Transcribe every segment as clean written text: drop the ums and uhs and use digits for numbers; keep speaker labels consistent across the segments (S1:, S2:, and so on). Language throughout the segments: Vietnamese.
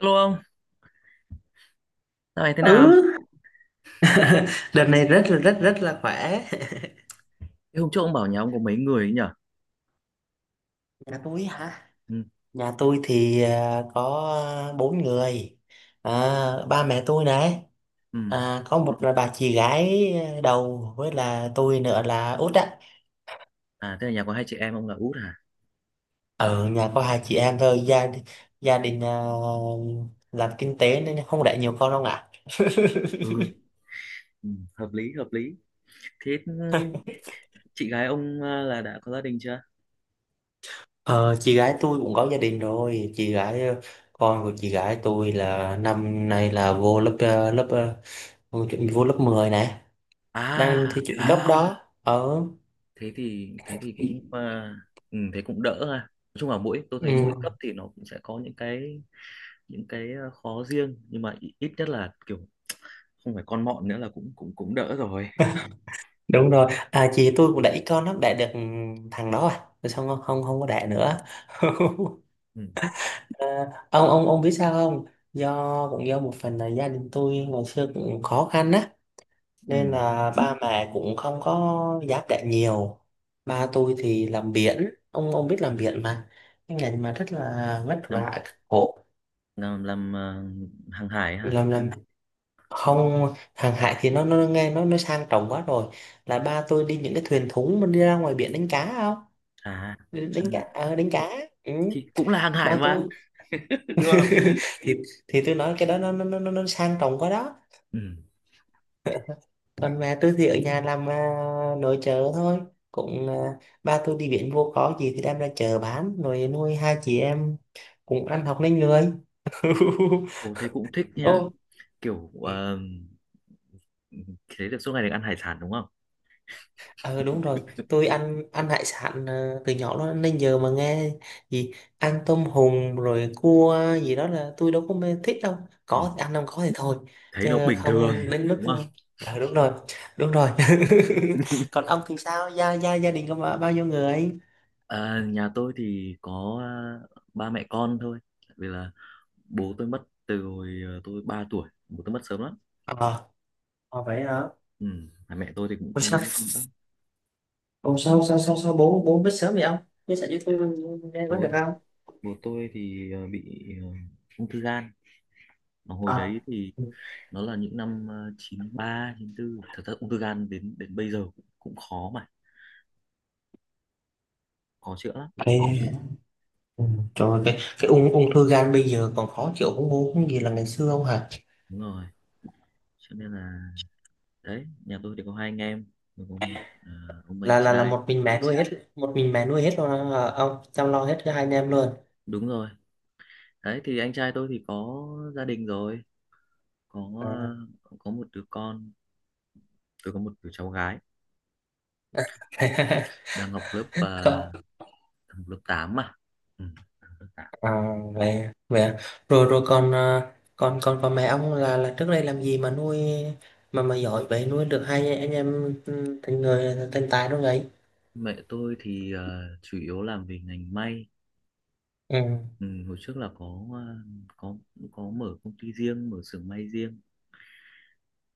S1: Hello ông, dạo này thế nào?
S2: ừ Đợt này rất là rất rất là khỏe.
S1: Thế hôm trước ông bảo nhà ông có mấy người ấy nhở?
S2: Nhà tôi hả?
S1: Ừ,
S2: Nhà tôi thì có 4 người. Ba mẹ tôi này,
S1: ừ.
S2: có một là bà chị gái đầu với là tôi nữa là út á.
S1: À, thế là nhà có hai chị em ông là út à?
S2: Ở nhà có hai chị em thôi. Gia đình làm kinh tế nên không đẻ nhiều con đâu ạ.
S1: Ừ, ừ, hợp lý, hợp lý. Thế chị gái ông là đã có gia đình chưa?
S2: Ờ, chị gái tôi cũng có gia đình rồi. Chị gái, con của chị gái tôi là năm nay là vô lớp vô lớp 10 này, đang
S1: À,
S2: thi chuyển gấp à đó. Ở.
S1: thế thì cũng thế cũng đỡ ha. Nói chung là mỗi tôi thấy mỗi
S2: Ừ,
S1: cấp thì nó cũng sẽ có những cái khó riêng, nhưng mà ít ít nhất là kiểu không phải con mọn nữa là cũng cũng cũng đỡ rồi.
S2: đúng rồi. À chị tôi cũng đẩy con nó đẻ được thằng đó, à rồi xong không, không, không có đẻ nữa.
S1: Ừ,
S2: à, ông biết sao không? Do cũng do một phần là gia đình tôi ngày xưa cũng khó khăn á, nên
S1: ừ.
S2: là ba mẹ cũng không có dám đẻ nhiều. Ba tôi thì làm biển, ông biết làm biển mà, cái ngành mà rất là vất
S1: Làm
S2: vả, khổ.
S1: làm hàng hải hả?
S2: Làm không, hàng hải thì nó nghe nó sang trọng quá rồi. Là ba tôi đi những cái thuyền thúng, mình đi ra ngoài biển đánh cá không.
S1: À.
S2: Đánh cá,
S1: Ừ.
S2: đánh cá. Ừ.
S1: Thì cũng là hàng hải
S2: Ba
S1: mà,
S2: tôi.
S1: đúng không?
S2: thì thì tôi nói cái đó nó sang trọng quá đó.
S1: Ừ.
S2: Còn mẹ tôi thì ở nhà làm nội trợ thôi, cũng ba tôi đi biển vô có gì thì đem ra chợ bán rồi nuôi hai chị em cũng ăn học nên người.
S1: Ồ, thế cũng thích nha,
S2: Ô.
S1: kiểu thế được suốt ngày được ăn hải sản đúng không?
S2: Ờ đúng rồi, tôi ăn ăn hải sản từ nhỏ đó, nên giờ mà nghe gì ăn tôm hùm rồi cua gì đó là tôi đâu có mê thích đâu.
S1: Ừ.
S2: Có thì ăn, không có thì thôi.
S1: Thấy
S2: Chứ
S1: nó bình
S2: không
S1: thường
S2: đến mức.
S1: đúng không?
S2: Ờ ờ, đúng rồi, đúng rồi. Còn ông thì sao? Gia gia gia đình có bao bao nhiêu người?
S1: À, nhà tôi thì có ba mẹ con thôi, vì là bố tôi mất từ hồi tôi 3 tuổi, bố tôi mất sớm lắm.
S2: Ờ, à, vậy hả?
S1: Ừ. Mà mẹ tôi thì cũng
S2: Ủa
S1: không đi
S2: sao?
S1: nước nữa.
S2: Ủa sao sao sao sao bố bố biết sớm vậy ông? Chia sẻ với tôi nghe có được
S1: bố
S2: không?
S1: bố tôi thì bị ung thư gan, mà hồi đấy
S2: Ờ.
S1: thì nó là những năm chín ba chín 94, thật ra ung thư gan đến đến bây giờ cũng khó, mà khó chữa lắm.
S2: Ừ. Ừ, trời ơi, cái ung ung thư gan bây giờ còn khó chịu không, bố không gì là ngày xưa không hả?
S1: Đúng rồi, cho nên là đấy, nhà tôi thì có hai anh em, tôi có một ông anh
S2: Là
S1: trai.
S2: một mình mẹ nuôi hết, một mình mẹ nuôi hết rồi hả ông, chăm lo hết cho hai anh em luôn.
S1: Đúng rồi, đấy thì anh trai tôi thì có gia đình rồi, có
S2: À.
S1: có một đứa con, tôi có một đứa cháu gái đang học lớp
S2: Còn,
S1: học lớp 8 mà. Ừ, học lớp 8.
S2: à, vậy, vậy à. Rồi rồi còn còn mẹ ông là trước đây làm gì mà nuôi mà giỏi vậy, nuôi được hai anh em, ừ, thành người thành tài luôn vậy?
S1: Mẹ tôi thì chủ yếu làm về ngành may.
S2: Ừ.
S1: Ừ, hồi trước là có có mở công ty riêng, mở xưởng may riêng.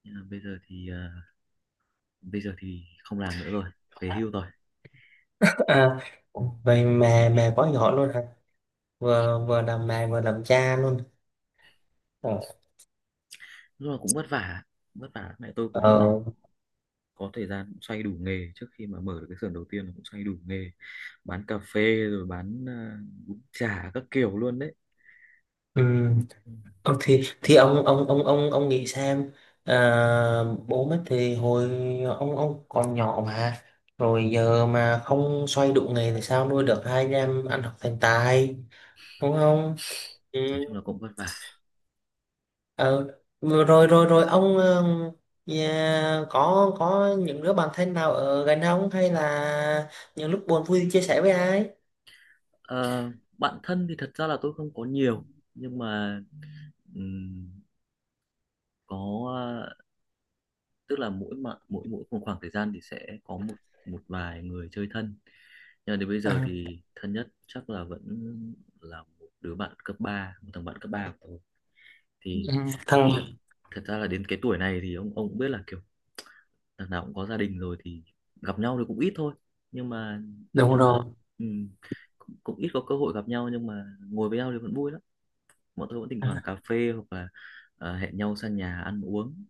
S1: Nhưng mà bây giờ thì không làm nữa rồi, về hưu rồi.
S2: À,
S1: Ừ.
S2: vậy mẹ mẹ quá giỏi luôn hả? Vừa vừa làm mẹ vừa làm cha luôn.
S1: Ừ.
S2: Ờ.
S1: Lúc nào cũng vất vả, vất vả. Mẹ tôi
S2: Ờ.
S1: cũng có thời gian xoay đủ nghề, trước khi mà mở được cái xưởng đầu tiên là cũng xoay đủ nghề, bán cà phê rồi bán bún chả các kiểu luôn đấy.
S2: Ừ.
S1: Ừ.
S2: Ờ, thì ông nghĩ xem, à, bố mất thì hồi ông còn nhỏ mà, rồi giờ mà không xoay đủ nghề thì sao nuôi được hai anh em ăn học thành tài, đúng không? Ừ.
S1: Nói chung là cũng vất vả.
S2: Ờ, rồi rồi rồi ông, có những đứa bạn thân nào ở gần ông, hay là những lúc buồn vui thì chia sẻ với ai?
S1: Ờ, bạn thân thì thật ra là tôi không có nhiều, nhưng mà ừm, có, tức là mỗi mà mỗi mỗi một khoảng thời gian thì sẽ có một một vài người chơi thân, nhưng mà đến bây giờ
S2: À,
S1: thì thân nhất chắc là vẫn là một đứa bạn cấp 3, một thằng bạn cấp 3 của tôi.
S2: ừ,
S1: Thì
S2: thằng,
S1: thật, thật ra là đến cái tuổi này thì ông cũng biết là kiểu thằng nào cũng có gia đình rồi thì gặp nhau thì cũng ít thôi, nhưng mà
S2: đúng rồi.
S1: ừ, cũng ít có cơ hội gặp nhau, nhưng mà ngồi với nhau thì vẫn vui lắm. Bọn tôi vẫn thỉnh thoảng cà phê hoặc là hẹn nhau sang nhà ăn uống,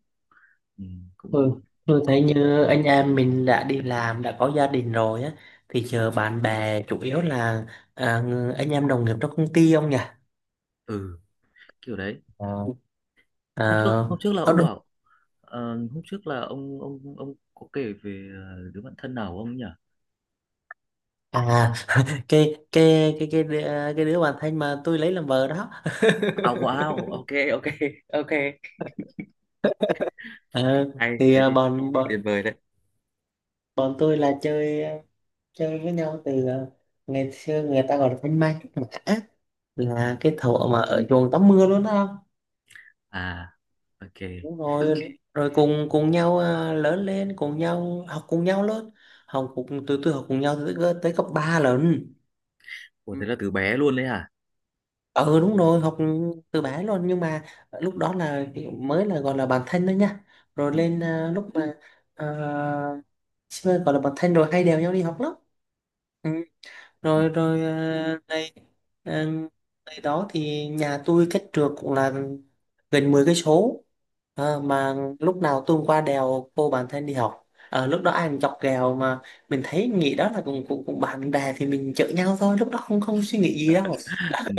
S1: ừ, cũng
S2: Tôi,
S1: vui.
S2: tôi thấy như anh em mình đã đi làm, đã có gia đình rồi á, thì giờ bạn bè chủ yếu là anh em đồng nghiệp trong công ty không nhỉ?
S1: Ừ, kiểu đấy.
S2: Ờ,
S1: Hôm trước
S2: Ờ,
S1: hôm trước là
S2: có
S1: ông
S2: đứa-
S1: bảo ờ, hôm trước là ông có kể về đứa bạn thân nào của ông nhỉ?
S2: à, cái cái cái cái đứa- cái đứa bạn thân mà tôi lấy làm vợ đó.
S1: À, wow, ok. Ok. Ok,
S2: Ờ,
S1: hay
S2: thì
S1: thế thì
S2: bọn
S1: tuyệt
S2: bọn
S1: vời đấy.
S2: bọn tôi là chơi chơi với nhau từ ngày xưa, người ta gọi là thanh mai trúc mã,
S1: Ừ.
S2: là cái thuở mà ở chuồng tắm mưa luôn đó.
S1: À, ok.
S2: Đúng rồi, rồi cùng cùng nhau lớn lên cùng nhau, học cùng nhau lớn, học cùng từ từ học cùng nhau tới, tới cấp 3 lần.
S1: Ủa
S2: Ừ.
S1: thế là từ bé luôn đấy hả?
S2: Ừ đúng rồi, học từ bé luôn, nhưng mà lúc đó là mới là gọi là bạn thân thôi nha. Rồi
S1: Ừ.
S2: lên lúc mà à, gọi là bạn thân rồi hay đèo nhau đi học lắm.
S1: Ừ.
S2: Rồi rồi này, à, này đó thì nhà tôi cách trượt cũng là gần 10 cây số, mà lúc nào tôi cũng qua đèo cô bạn thân đi học. Ờ, lúc đó ai cũng chọc ghẹo mà, mình thấy nghĩ đó là cũng cũng, cũng bạn bè thì mình chở nhau thôi, lúc đó không không suy nghĩ gì đâu.
S1: Ừ.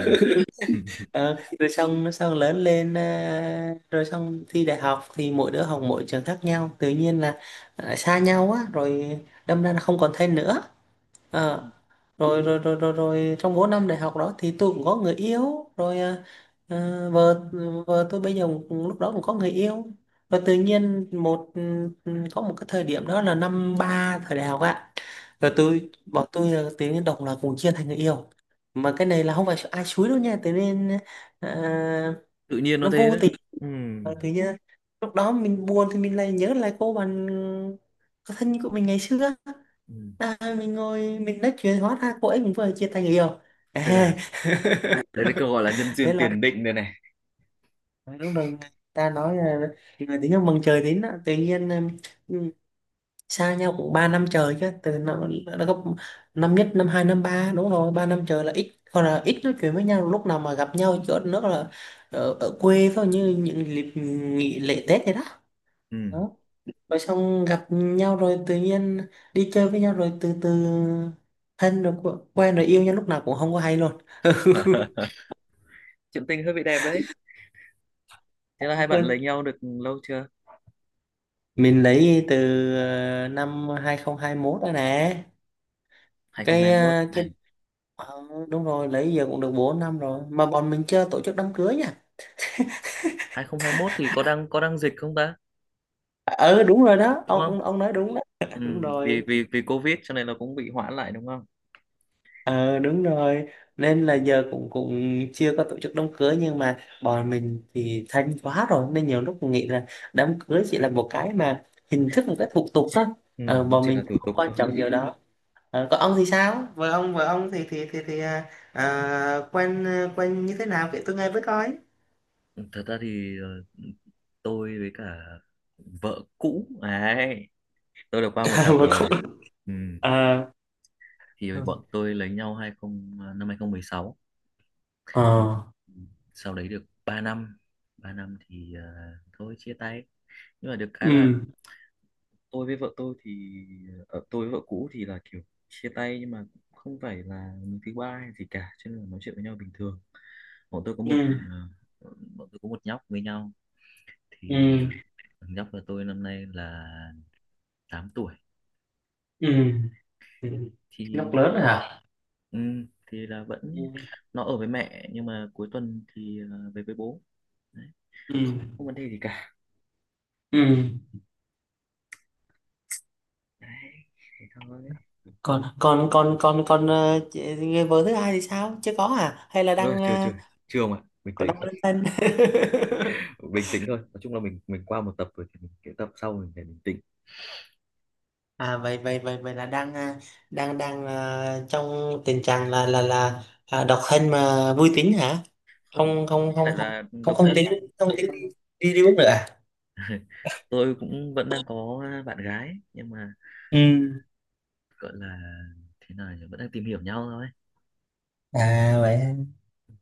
S2: Ờ, rồi xong xong lớn lên, rồi xong thi đại học thì mỗi đứa học mỗi trường khác nhau, tự nhiên là xa nhau á, rồi đâm ra là không còn thân nữa.
S1: Ừ.
S2: Ờ, rồi rồi rồi rồi rồi trong 4 năm đại học đó thì tôi cũng có người yêu rồi, vợ, vợ tôi bây giờ cũng- lúc đó cũng có người yêu. Và tự nhiên một, có một cái thời điểm đó là năm 3 thời đại học ạ.
S1: Ừ.
S2: Rồi bọn tôi là tự nhiên độc là cùng chia thành người yêu, mà cái này là không phải ai xúi đâu nha, tự nhiên à,
S1: Tự nhiên nó
S2: nó
S1: thế
S2: vô
S1: đấy.
S2: tình.
S1: Ừ.
S2: Ờ, tự nhiên lúc đó mình buồn thì mình lại nhớ lại cô bạn có thân của mình ngày xưa,
S1: Ừ.
S2: mình ngồi mình nói chuyện, hóa ra cô ấy cũng vừa chia tay người yêu.
S1: Ai da, đấy là câu gọi là
S2: À,
S1: nhân
S2: thế
S1: duyên
S2: là
S1: tiền định đây này.
S2: lúc đầu người ta nói là người tính nhau mừng trời đến đó, tự nhiên, ừm, xa nhau cũng 3 năm trời chứ, nó gấp, năm nhất năm hai năm ba, đúng rồi 3 năm trời là ít, còn là ít nói chuyện với nhau, lúc nào mà gặp nhau chỗ nữa là ở quê thôi, như những dịp nghỉ lễ Tết vậy đó.
S1: Ừ.
S2: Rồi xong gặp nhau rồi tự nhiên đi chơi với nhau rồi từ từ thân rồi quen rồi yêu nhau lúc nào cũng không có hay luôn.
S1: Chuyện tình hơi bị đẹp đấy. Thế là hai bạn lấy
S2: Quên.
S1: nhau được lâu chưa?
S2: Mình lấy từ năm 2021 rồi nè. cái
S1: 2021.
S2: ờ,
S1: Ừ.
S2: cái ờ, Đúng rồi, lấy giờ cũng được 4 năm rồi mà bọn mình chưa tổ chức đám cưới nha.
S1: 2021 thì có đang dịch không ta?
S2: Ờ đúng rồi đó,
S1: Đúng
S2: ông
S1: không?
S2: ông ông nói đúng đó.
S1: Ừ,
S2: Đúng
S1: vì
S2: rồi.
S1: vì vì Covid cho nên là cũng bị hoãn lại đúng không?
S2: Ờ đúng rồi, nên là giờ cũng cũng chưa có tổ chức đám cưới, nhưng mà bọn mình thì thanh quá rồi nên nhiều lúc mình nghĩ là đám cưới chỉ là một cái mà hình thức, một cái thủ tục thôi.
S1: Ừ,
S2: Ờ,
S1: nó
S2: bọn
S1: chỉ
S2: mình
S1: là thủ
S2: cũng không
S1: tục
S2: quan
S1: thôi.
S2: trọng điều đó. Ờ, còn ông thì sao, vợ ông, vợ ông thì à, à, quen quen như thế nào kể tôi nghe với coi.
S1: Ừ, thật ra thì tôi với cả vợ cũ ấy, tôi đã qua một
S2: À,
S1: tập
S2: vợ
S1: rồi.
S2: cũng-
S1: Ừ.
S2: à,
S1: Thì bọn tôi lấy nhau hai không ờ, năm 2016,
S2: ờ,
S1: sau đấy được 3 năm. 3 năm thì thôi chia tay. Nhưng mà được cái là
S2: ừ,
S1: tôi với vợ tôi thì tôi với vợ cũ thì là kiểu chia tay, nhưng mà không phải là người thứ ba hay gì cả, cho nên là nói chuyện với nhau bình thường. bọn tôi có
S2: ừ
S1: một ờ, bọn tôi có một nhóc với nhau. Thì
S2: ừ
S1: thằng nhóc của tôi năm nay là 8 tuổi.
S2: ừ ừ. Nó
S1: Thì
S2: lớn rồi hả?
S1: ừ, thì là
S2: ừ
S1: vẫn nó ở với mẹ, nhưng mà cuối tuần thì về với bố đấy.
S2: ừ
S1: Không không vấn đề gì cả
S2: ừ
S1: đấy, thế thôi.
S2: còn còn còn còn còn ờ, người vợ thứ hai thì sao, chưa có à hay là
S1: Chưa,
S2: đang
S1: chưa,
S2: ờ,
S1: chưa, chưa mà bình
S2: có
S1: tĩnh.
S2: đang đơn thân?
S1: Bình tĩnh thôi, nói chung là mình qua một tập rồi thì mình cái tập sau mình phải bình tĩnh.
S2: À, vậy vậy vậy vậy là đang, à, đang đang à, trong tình trạng là độc thân mà vui tính hả?
S1: Không,
S2: Không không
S1: không
S2: không,
S1: phải là
S2: không
S1: độc
S2: không
S1: thân.
S2: tính, không tính đi, đi uống nữa à?
S1: Tôi cũng vẫn đang có bạn gái, nhưng mà
S2: Ừ.
S1: gọi là thế nào nhỉ, vẫn đang tìm hiểu nhau thôi.
S2: À vậy,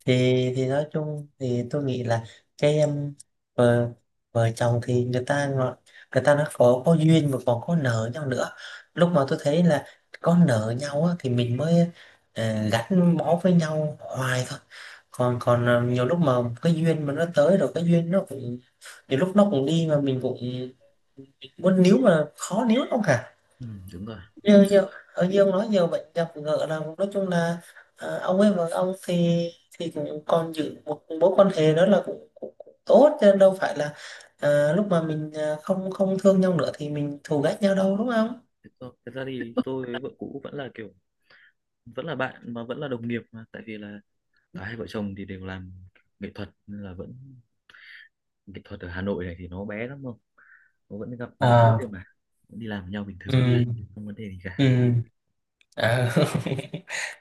S2: thì nói chung thì tôi nghĩ là cái, vợ vợ chồng thì người ta người ta nó có duyên mà còn có nợ nhau nữa. Lúc mà tôi thấy là có nợ nhau á, thì mình mới, ờ, gắn bó với nhau hoài thôi. Còn còn ờ, nhiều lúc mà cái duyên mà nó tới rồi cái duyên nó cũng, nhiều lúc nó cũng đi mà mình cũng muốn níu mà khó níu lắm cả.
S1: Ừ, đúng rồi.
S2: Như như như ông nói nhiều bệnh gặp gỡ là nói chung là, ờ, ông ấy và ông thì cũng còn giữ một mối quan hệ đó là cũng tốt chứ đâu phải là, ờ, lúc mà mình ờ, không không thương nhau nữa thì mình thù ghét nhau đâu, đúng không?
S1: Thật ra thì tôi với vợ cũ vẫn là kiểu vẫn là bạn mà vẫn là đồng nghiệp, mà tại vì là cả hai vợ chồng thì đều làm nghệ thuật nên là vẫn, nghệ thuật ở Hà Nội này thì nó bé lắm, không, nó vẫn gặp nhau suốt đêm
S2: À.
S1: mà, vẫn đi làm với nhau bình thường,
S2: Ừ.
S1: không vấn đề gì cả.
S2: Ừ. À.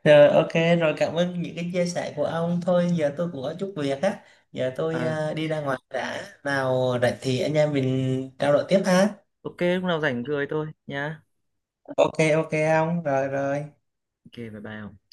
S2: Rồi ok, rồi cảm ơn những cái chia sẻ của ông. Thôi giờ tôi cũng có chút việc á, giờ tôi
S1: ờ
S2: ờ, đi ra ngoài đã, nào rảnh thì anh em mình trao đổi tiếp ha.
S1: ok lúc nào rảnh cười tôi nhá.
S2: Ok, ok ông, rồi rồi.
S1: Ok, bye bye.